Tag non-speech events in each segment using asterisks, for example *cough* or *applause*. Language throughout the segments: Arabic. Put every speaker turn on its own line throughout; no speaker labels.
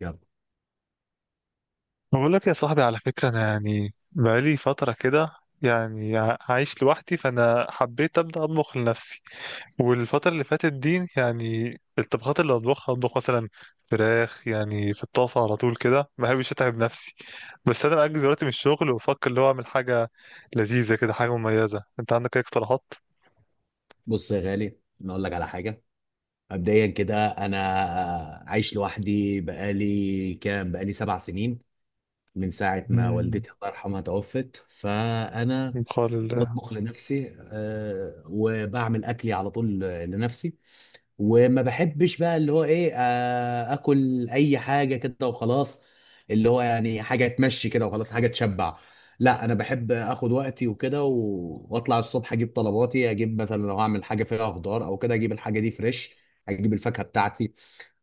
يلا،
بقول لك يا صاحبي، على فكرة أنا يعني بقالي فترة كده، يعني عايش لوحدي، فأنا حبيت أبدأ أطبخ لنفسي. والفترة اللي فاتت دي يعني الطبخات اللي أطبخها، أطبخ مثلا فراخ يعني في الطاسة على طول كده، ما بحبش أتعب نفسي. بس أنا بأجز دلوقتي من الشغل، وبفكر اللي هو أعمل حاجة لذيذة كده، حاجة مميزة. أنت عندك أي اقتراحات؟
بص يا غالي، انا اقول لك على حاجه. مبدئيا كده، انا عايش لوحدي بقالي 7 سنين، من ساعه ما
مم،
والدتي الله يرحمها توفت. فانا
من قال الله.
بطبخ لنفسي، وبعمل اكلي على طول لنفسي. وما بحبش بقى اللي هو ايه، اكل اي حاجه كده وخلاص، اللي هو يعني حاجه تمشي كده وخلاص، حاجه تشبع. لا، انا بحب اخد وقتي وكده، واطلع الصبح اجيب طلباتي. اجيب مثلا لو هعمل حاجه فيها خضار او كده اجيب الحاجه دي فريش، اجيب الفاكهه بتاعتي،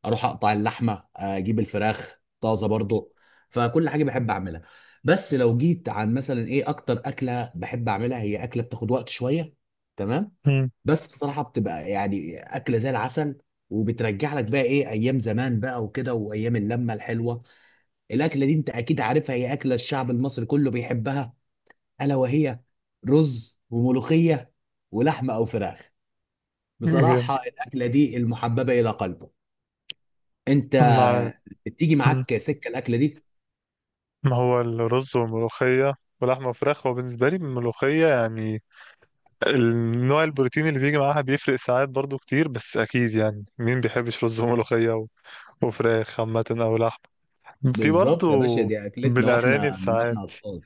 اروح اقطع اللحمه، اجيب الفراخ طازه برضو. فكل حاجه بحب اعملها. بس لو جيت عن مثلا ايه اكتر اكله بحب اعملها، هي اكله بتاخد وقت شويه، تمام؟
مم،
بس بصراحه بتبقى يعني اكله زي العسل، وبترجع لك بقى ايه ايام زمان بقى وكده، وايام اللمه الحلوه. الاكله دي انت اكيد عارفها، هي اكله الشعب المصري كله بيحبها، الا وهي رز وملوخيه، ولحمه او فراخ.
جامد.
بصراحه الاكله دي المحببه الى قلبه. انت
معاك.
بتيجي
مم.
معاك سكه الاكله دي؟
ما هو الرز والملوخية ولحمة وفراخ، هو بالنسبة لي الملوخية يعني النوع البروتين اللي بيجي معاها بيفرق ساعات برضو كتير، بس اكيد يعني مين بيحبش رز وملوخية وفراخ عامة او لحم. في برضو
بالظبط يا باشا، دي اكلتنا
بالارانب
واحنا من
ساعات.
واحنا اطفال.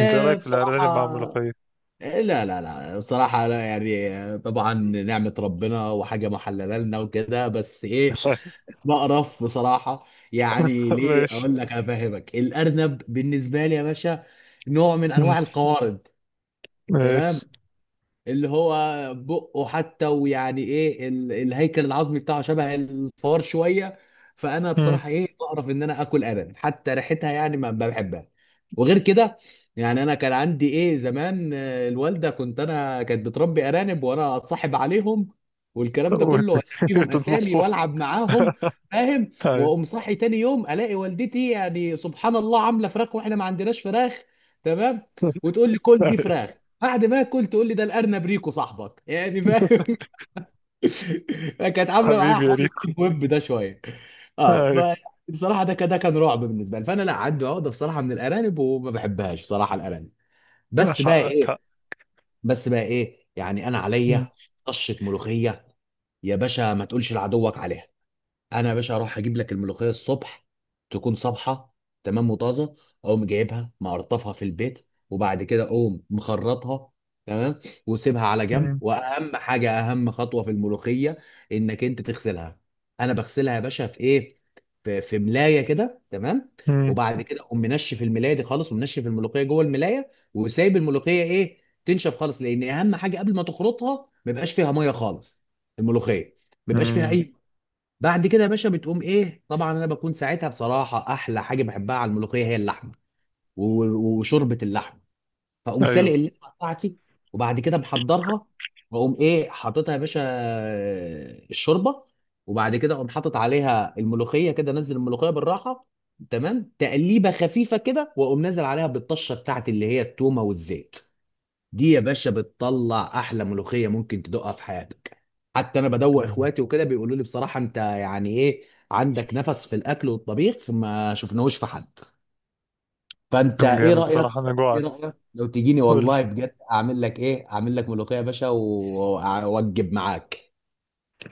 انت ايه رايك في الارانب مع
بصراحة.
الملوخية؟
إيه، لا لا لا بصراحة، لا يعني، طبعا نعمة ربنا وحاجة محللة لنا وكده، بس ايه،
*laughs*
بقرف بصراحة. يعني ليه
ماشي.
اقول لك افهمك؟ الارنب بالنسبة لي يا باشا نوع من
مم.
انواع القوارض، تمام.
ماشي.
اللي هو بقه حتى، ويعني ايه الهيكل العظمي بتاعه شبه الفار شويه. فانا
مم.
بصراحه ايه بعرف ان انا اكل ارانب، حتى ريحتها يعني ما بحبها. وغير كده، يعني انا كان عندي ايه زمان، الوالده، كنت انا، كانت بتربي ارانب وانا اتصاحب عليهم والكلام ده كله،
وت- *laughs*
واسميهم اسامي
تطبخهم؟
والعب معاهم،
*laughs*
فاهم.
أيوة.
واقوم صاحي تاني يوم الاقي والدتي يعني سبحان الله عامله فراخ واحنا ما عندناش فراخ، تمام. وتقول لي كل
أيوة.
دي فراخ، بعد ما اكل تقول لي ده الارنب ريكو صاحبك، يعني فاهم. *laughs* كانت عامله معايا
حبيبي يا
حوار
ريكو.
الديب ويب ده شويه. اه
ايوه.
ف، بصراحه ده كده كان رعب بالنسبه لي. فانا لا عندي عقده بصراحه من الارانب وما بحبهاش بصراحه الارانب. بس بقى
حقك حق.
ايه بس بقى ايه يعني انا
مم.
عليا طشه ملوخيه، يا باشا ما تقولش لعدوك عليها. انا يا باشا اروح اجيب لك الملوخيه الصبح تكون صبحه، تمام، وطازه. اقوم جايبها مقرطفها في البيت، وبعد كده اقوم مخرطها، تمام، وسيبها على جنب.
مم.
واهم حاجه، اهم خطوه في الملوخيه انك انت تغسلها. انا بغسلها يا باشا في ايه، في ملايه كده، تمام.
مم.
وبعد كده اقوم منشف الملايه دي خالص، ومنشف الملوخيه جوه الملايه، وسايب الملوخيه ايه تنشف خالص، لان اهم حاجه قبل ما تخرطها ما يبقاش فيها ميه خالص. الملوخيه ما بيبقاش فيها
مم.
اي. بعد كده يا باشا بتقوم ايه طبعا انا بكون ساعتها، بصراحه احلى حاجه بحبها على الملوخيه هي اللحمه و- وشوربه اللحمه. فاقوم
ايوه.
سالق اللحمه بتاعتي، وبعد كده محضرها، واقوم ايه حاططها يا باشا، الشوربه، وبعد كده اقوم حاطط عليها الملوخيه كده، نزل الملوخيه بالراحه، تمام، تقليبه خفيفه كده، واقوم نازل عليها بالطشه بتاعتي اللي هي التومه والزيت. دي يا باشا بتطلع احلى ملوخيه ممكن تدوقها في حياتك. حتى انا بدوق
مم.
اخواتي وكده بيقولوا لي بصراحه انت يعني ايه، عندك نفس في الاكل والطبيخ ما شفناهوش في حد. فانت
كان
ايه
جامد
رايك؟
صراحة، انا
ايه
جوعت.
رايك لو تجيني
قول.
والله بجد اعمل لك ايه اعمل لك ملوخيه يا باشا، واوجب معاك.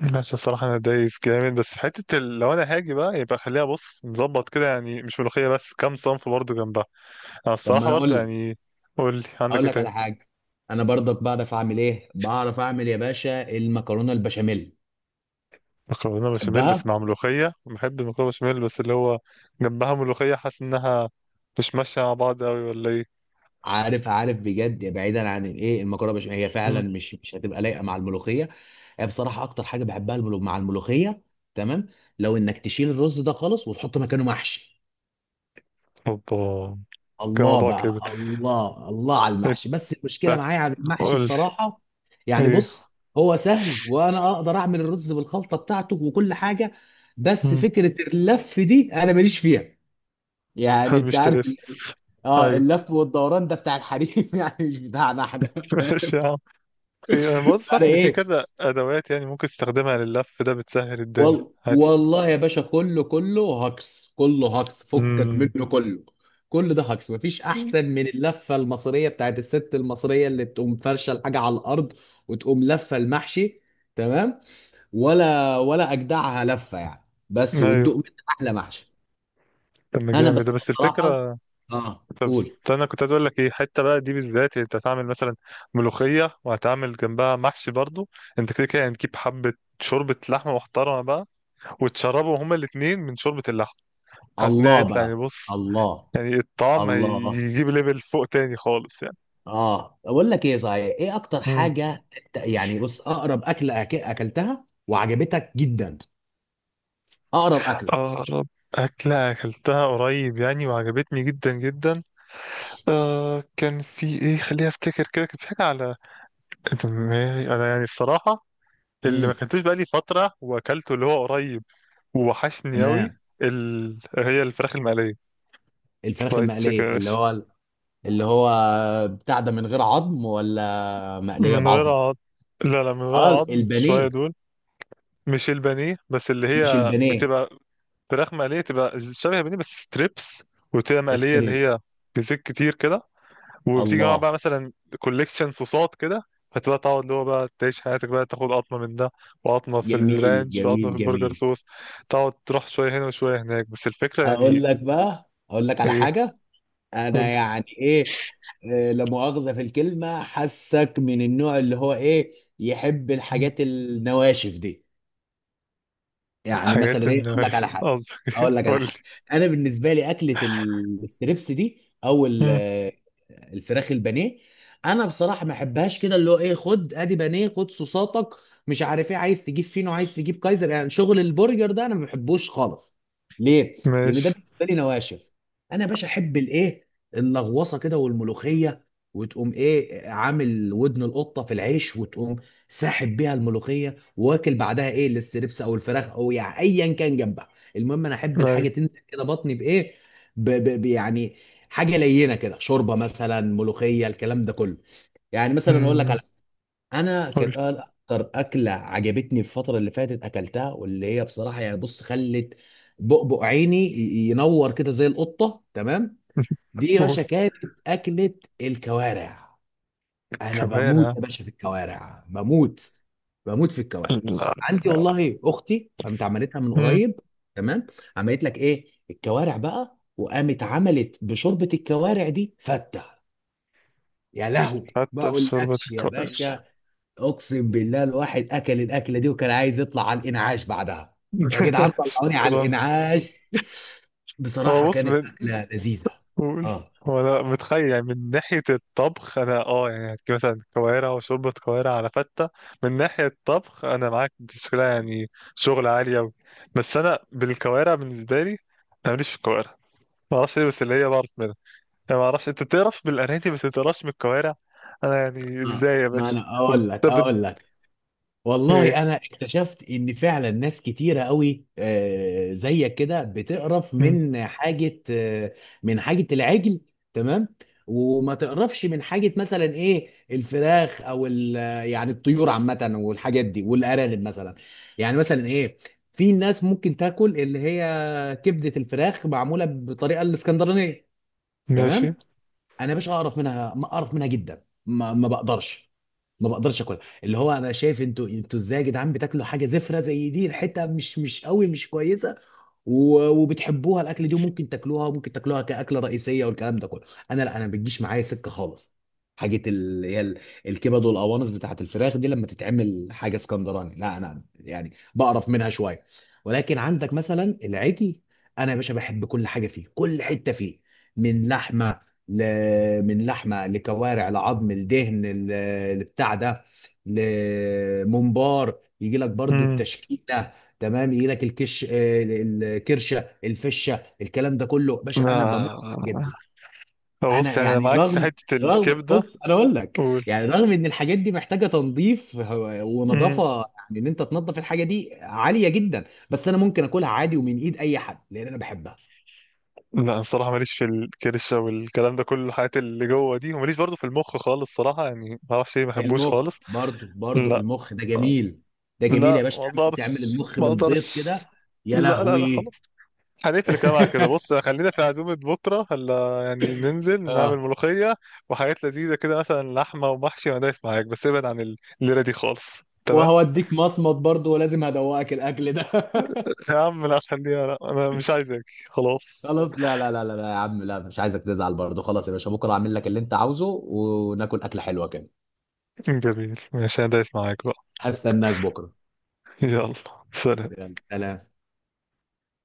ماشي الصراحة، أنا دايس جامد، بس في حتة لو أنا هاجي بقى يبقى خليها، بص نظبط كده يعني، مش ملوخية بس، كام صنف برضه جنبها. أنا
طب ما
الصراحة
انا اقول
برضه
لك
يعني، قول لي عندك
اقول
إيه
لك
تاني؟
على حاجه. انا برضك بعرف اعمل ايه، بعرف اعمل يا باشا المكرونه البشاميل.
مكرونة بشاميل بس
تحبها؟
مع ملوخية؟ بحب المكرونة بشاميل، بس اللي هو جنبها ملوخية، حاسس إنها مش ماشية مع بعض أوي، ولا إيه؟
عارف عارف بجد، بعيدا عن الايه، المكرونه البشاميل هي فعلا
مم.
مش هتبقى لايقه مع الملوخيه. هي بصراحه اكتر حاجه بحبها مع الملوخيه، تمام، لو انك تشيل الرز ده خالص وتحط مكانه محشي.
اوبا. كده
الله
موضوع
بقى،
كبر.
الله الله على
إنت،
المحشي، بس المشكله معايا على المحشي
قول لي
بصراحه، يعني
إيه؟
بص، هو سهل وانا اقدر اعمل الرز بالخلطه بتاعته وكل حاجه، بس
مم.
فكره اللف دي انا ماليش فيها. يعني انت
مش
عارف،
تلف.
اه
أيوه.
اللف والدوران ده بتاع الحريم *laughs* يعني مش بتاعنا احنا،
*laughs* ماشي
فاهم؟
يا عم. إيه، أنا برضه سمعت
انا
إن في
ايه،
كذا أدوات يعني ممكن تستخدمها لللف ده، بتسهل الدنيا.
والله يا باشا كله كله هكس، كله هكس، فكك
امم.
منه كله. كل ده هكس، مفيش احسن من اللفه المصريه بتاعت الست المصريه، اللي تقوم فرشه الحاجه على الارض وتقوم لفه المحشي، تمام. ولا اجدعها لفه يعني، بس،
ايوه.
وتدوق منها احلى محشي.
طب ما
انا
جامد ده،
بس
بس
بصراحه،
الفكره.
اه
طب بس،
قول،
طب انا كنت عايز اقول لك ايه، حته بقى دي بالذات، انت هتعمل مثلا ملوخيه وهتعمل جنبها محشي برضو، انت كده كده هتجيب حبه شوربه لحمه محترمه بقى، وتشربوا هما الاتنين من شوربه اللحمه. حاسس ان هي
الله
هيطلع يعني،
بقى،
بص
الله
يعني الطعم
الله.
هيجيب ليفل فوق تاني خالص يعني.
اه اقول لك ايه صحيح، ايه اكتر
امم.
حاجه يعني بص، اقرب اكله اكلتها وعجبتك جدا. اقرب اكله.
اقرب اكله اكلتها قريب يعني، وعجبتني جدا جدا، آه كان في ايه، خليني افتكر كده، كان في حاجه على دماغي انا يعني الصراحه، اللي ما
امم
كلتوش بقالي فترة وأكلته اللي هو قريب، ووحشني أوي،
تمام،
هي الفراخ المقلية.
الفراخ
فرايد تشيكن يا
المقليه، اللي
باشا.
هو، اللي هو بتاع ده من غير عظم، ولا مقليه
من غير
بعظم؟
عظم. لا لا، من غير
اه
عظم شوية
البانيه.
دول. مش البانيه، بس اللي
مش
هي
البانيه.
بتبقى فراخ مقلية، تبقى شبه البانيه بس ستريبس، وتبقى مقلية اللي
ستريبس.
هي بزيت كتير كده، وبتيجي معاها
الله،
بقى مثلا كوليكشن صوصات كده، فتبقى تقعد اللي هو بقى تعيش حياتك بقى، تاخد قطمة من ده، وقطمة في
جميل
الرانش، وقطمة
جميل
في البرجر
جميل.
صوص، تقعد تروح شوية هنا وشوية هناك، بس الفكرة
اقول
يعني.
لك بقى، اقول لك على
إيه،
حاجه.
قول
انا
لي.
يعني ايه، لا مؤاخذة في الكلمة، حاسك من النوع اللي هو ايه يحب الحاجات النواشف دي. يعني
حاجات
مثلا ايه،
ان
اقول لك على
ماشي *laughs*
حاجه،
قصدك ايه؟
اقول لك على
قول لي.
حاجه. انا بالنسبه لي اكله الستريبس دي، او
مم.
الفراخ البانيه، انا بصراحه ما احبهاش، كده اللي هو ايه، خد ادي بانيه، خد صوصاتك، مش عارف ايه، عايز تجيب فينو، عايز تجيب كايزر، يعني شغل البرجر ده انا ما بحبوش خالص. ليه؟ لان ده
ماشي.
بالنسبه لي نواشف. انا يا باشا احب الايه، اللغوصه كده والملوخيه، وتقوم ايه عامل ودن القطه في العيش وتقوم ساحب بيها الملوخيه، واكل بعدها ايه الاستريبس او الفراخ او يعني ايا كان جنبها. المهم انا احب
ايوه.
الحاجه تنزل كده بطني بايه ب ب ب يعني حاجه لينه كده، شوربه مثلا، ملوخيه، الكلام ده كله. يعني مثلا اقول لك على،
مم.
انا
قول لي.
كانت اكتر اكله عجبتني الفتره اللي فاتت اكلتها، واللي هي بصراحه يعني بص خلت بؤبؤ عيني ينور كده زي القطه، تمام.
*laughs*
دي يا باشا
قول.
كانت اكله الكوارع. انا بموت
كوارع؟
يا باشا في الكوارع، بموت، بموت في الكوارع.
لا.
عندي اه والله اختي قامت عملتها من
مم.
قريب، تمام. عملت لك ايه الكوارع بقى، وقامت عملت بشوربه الكوارع دي فته. يا لهوي ما
حتى في شوربة
اقولكش يا
الكوارع؟
باشا، اقسم بالله الواحد اكل الاكله دي وكان عايز يطلع على الانعاش بعدها. يا جدعان
*laughs*
طلعوني على
شكرا.
الانعاش. *laughs*
هو
بصراحه
بص
كانت
من،
اكله لذيذه.
قول.
اه
هو انا متخيل يعني من ناحية الطبخ، انا اه يعني هتجيب مثلا كوارع وشوربة كوارع على فتة، من ناحية الطبخ انا معاك، دي شغلة يعني شغل عالي اوي، بس انا بالكوارع بالنسبة لي، انا ماليش في الكوارع، معرفش ليه، بس اللي هي بعرف منها، انا ما اعرفش انت بتقرف بالاناتي بس ما بتقرفش بالكوارع، انا يعني
اه
ازاي يا
ما
باشا؟
انا
وبت
اقول لك
بت...
اقول لك والله
ايه.
انا اكتشفت ان فعلا ناس كتيره قوي، زيك كده بتقرف
مم.
من حاجه، من حاجه العجل، تمام، وما تقرفش من حاجه مثلا ايه الفراخ او يعني الطيور عامه والحاجات دي والارانب مثلا. يعني مثلا ايه، في ناس ممكن تاكل اللي هي كبده الفراخ معموله بطريقه الاسكندرانيه،
ماشي.
تمام. انا يا باشا اقرف منها، ما اقرف منها جدا، ما بقدرش، ما بقدرش اكلها. اللي هو انا شايف انتوا ازاي يا جدعان بتاكلوا حاجه زفره زي دي، ريحتها مش قوي، مش كويسه، وبتحبوها الاكل دي، وممكن تاكلوها كاكله رئيسيه، والكلام ده كله. انا لا، انا ما بتجيش معايا سكه خالص، حاجه هي الكبد والقوانص بتاعت الفراخ دي لما تتعمل حاجه اسكندراني لا، انا يعني بقرف منها شويه. ولكن عندك مثلا العجل، انا يا باشا بحب كل حاجه فيه، كل حته فيه، من لحمه، من لحمه لكوارع لعظم لدهن، لبتاع ده، لممبار، يجي لك برضو
امم.
التشكيله، تمام. يجي لك الكش، الكرشه، الفشه، الكلام ده كله باشا، انا بموت في الحاجات
لا
دي.
بص،
انا
يعني انا
يعني
معاك في
رغم
حتة
رغم
الكبدة.
بص انا اقول لك،
قول.
يعني رغم ان الحاجات دي محتاجه تنظيف ونظافه،
مم.
يعني ان انت تنظف الحاجه دي عاليه جدا، بس انا ممكن اكلها عادي ومن ايد اي حد لان انا بحبها.
لا الصراحة ماليش في الكرشة والكلام ده كله، الحاجات اللي جوه دي، وماليش برضو في المخ خالص صراحة، يعني ما اعرفش ليه، ما بحبوش خالص.
المخ برضو
لا.
المخ ده جميل، ده جميل يا
لا
باشا
ما
تعمل
اقدرش
المخ
ما
بالبيض
اقدرش.
كده. يا
لا لا لا،
لهوي
خلاص. هنقفل الكلام على كده.
*laughs*
بص خلينا في عزومة بكرة، هلا يعني ننزل نعمل
اه،
ملوخية وحاجات لذيذة كده، مثلا لحمة ومحشي، ما دايس معاك، بس ابعد عن الليرة دي خالص، تمام.
وهوديك مصمت برضو، ولازم هدوقك الاكل ده *laughs*
يا عم لا، خليها. لا انا مش عايزك. خلاص.
خلاص، لا لا لا لا لا يا عم، لا مش عايزك تزعل برضو. خلاص يا باشا، بكره اعمل لك اللي انت عاوزه، وناكل اكله حلوه كده.
جميل ماشي، انا دايس معاك بقى.
هستناك بكره.
يلا سلام.
يلا سلام.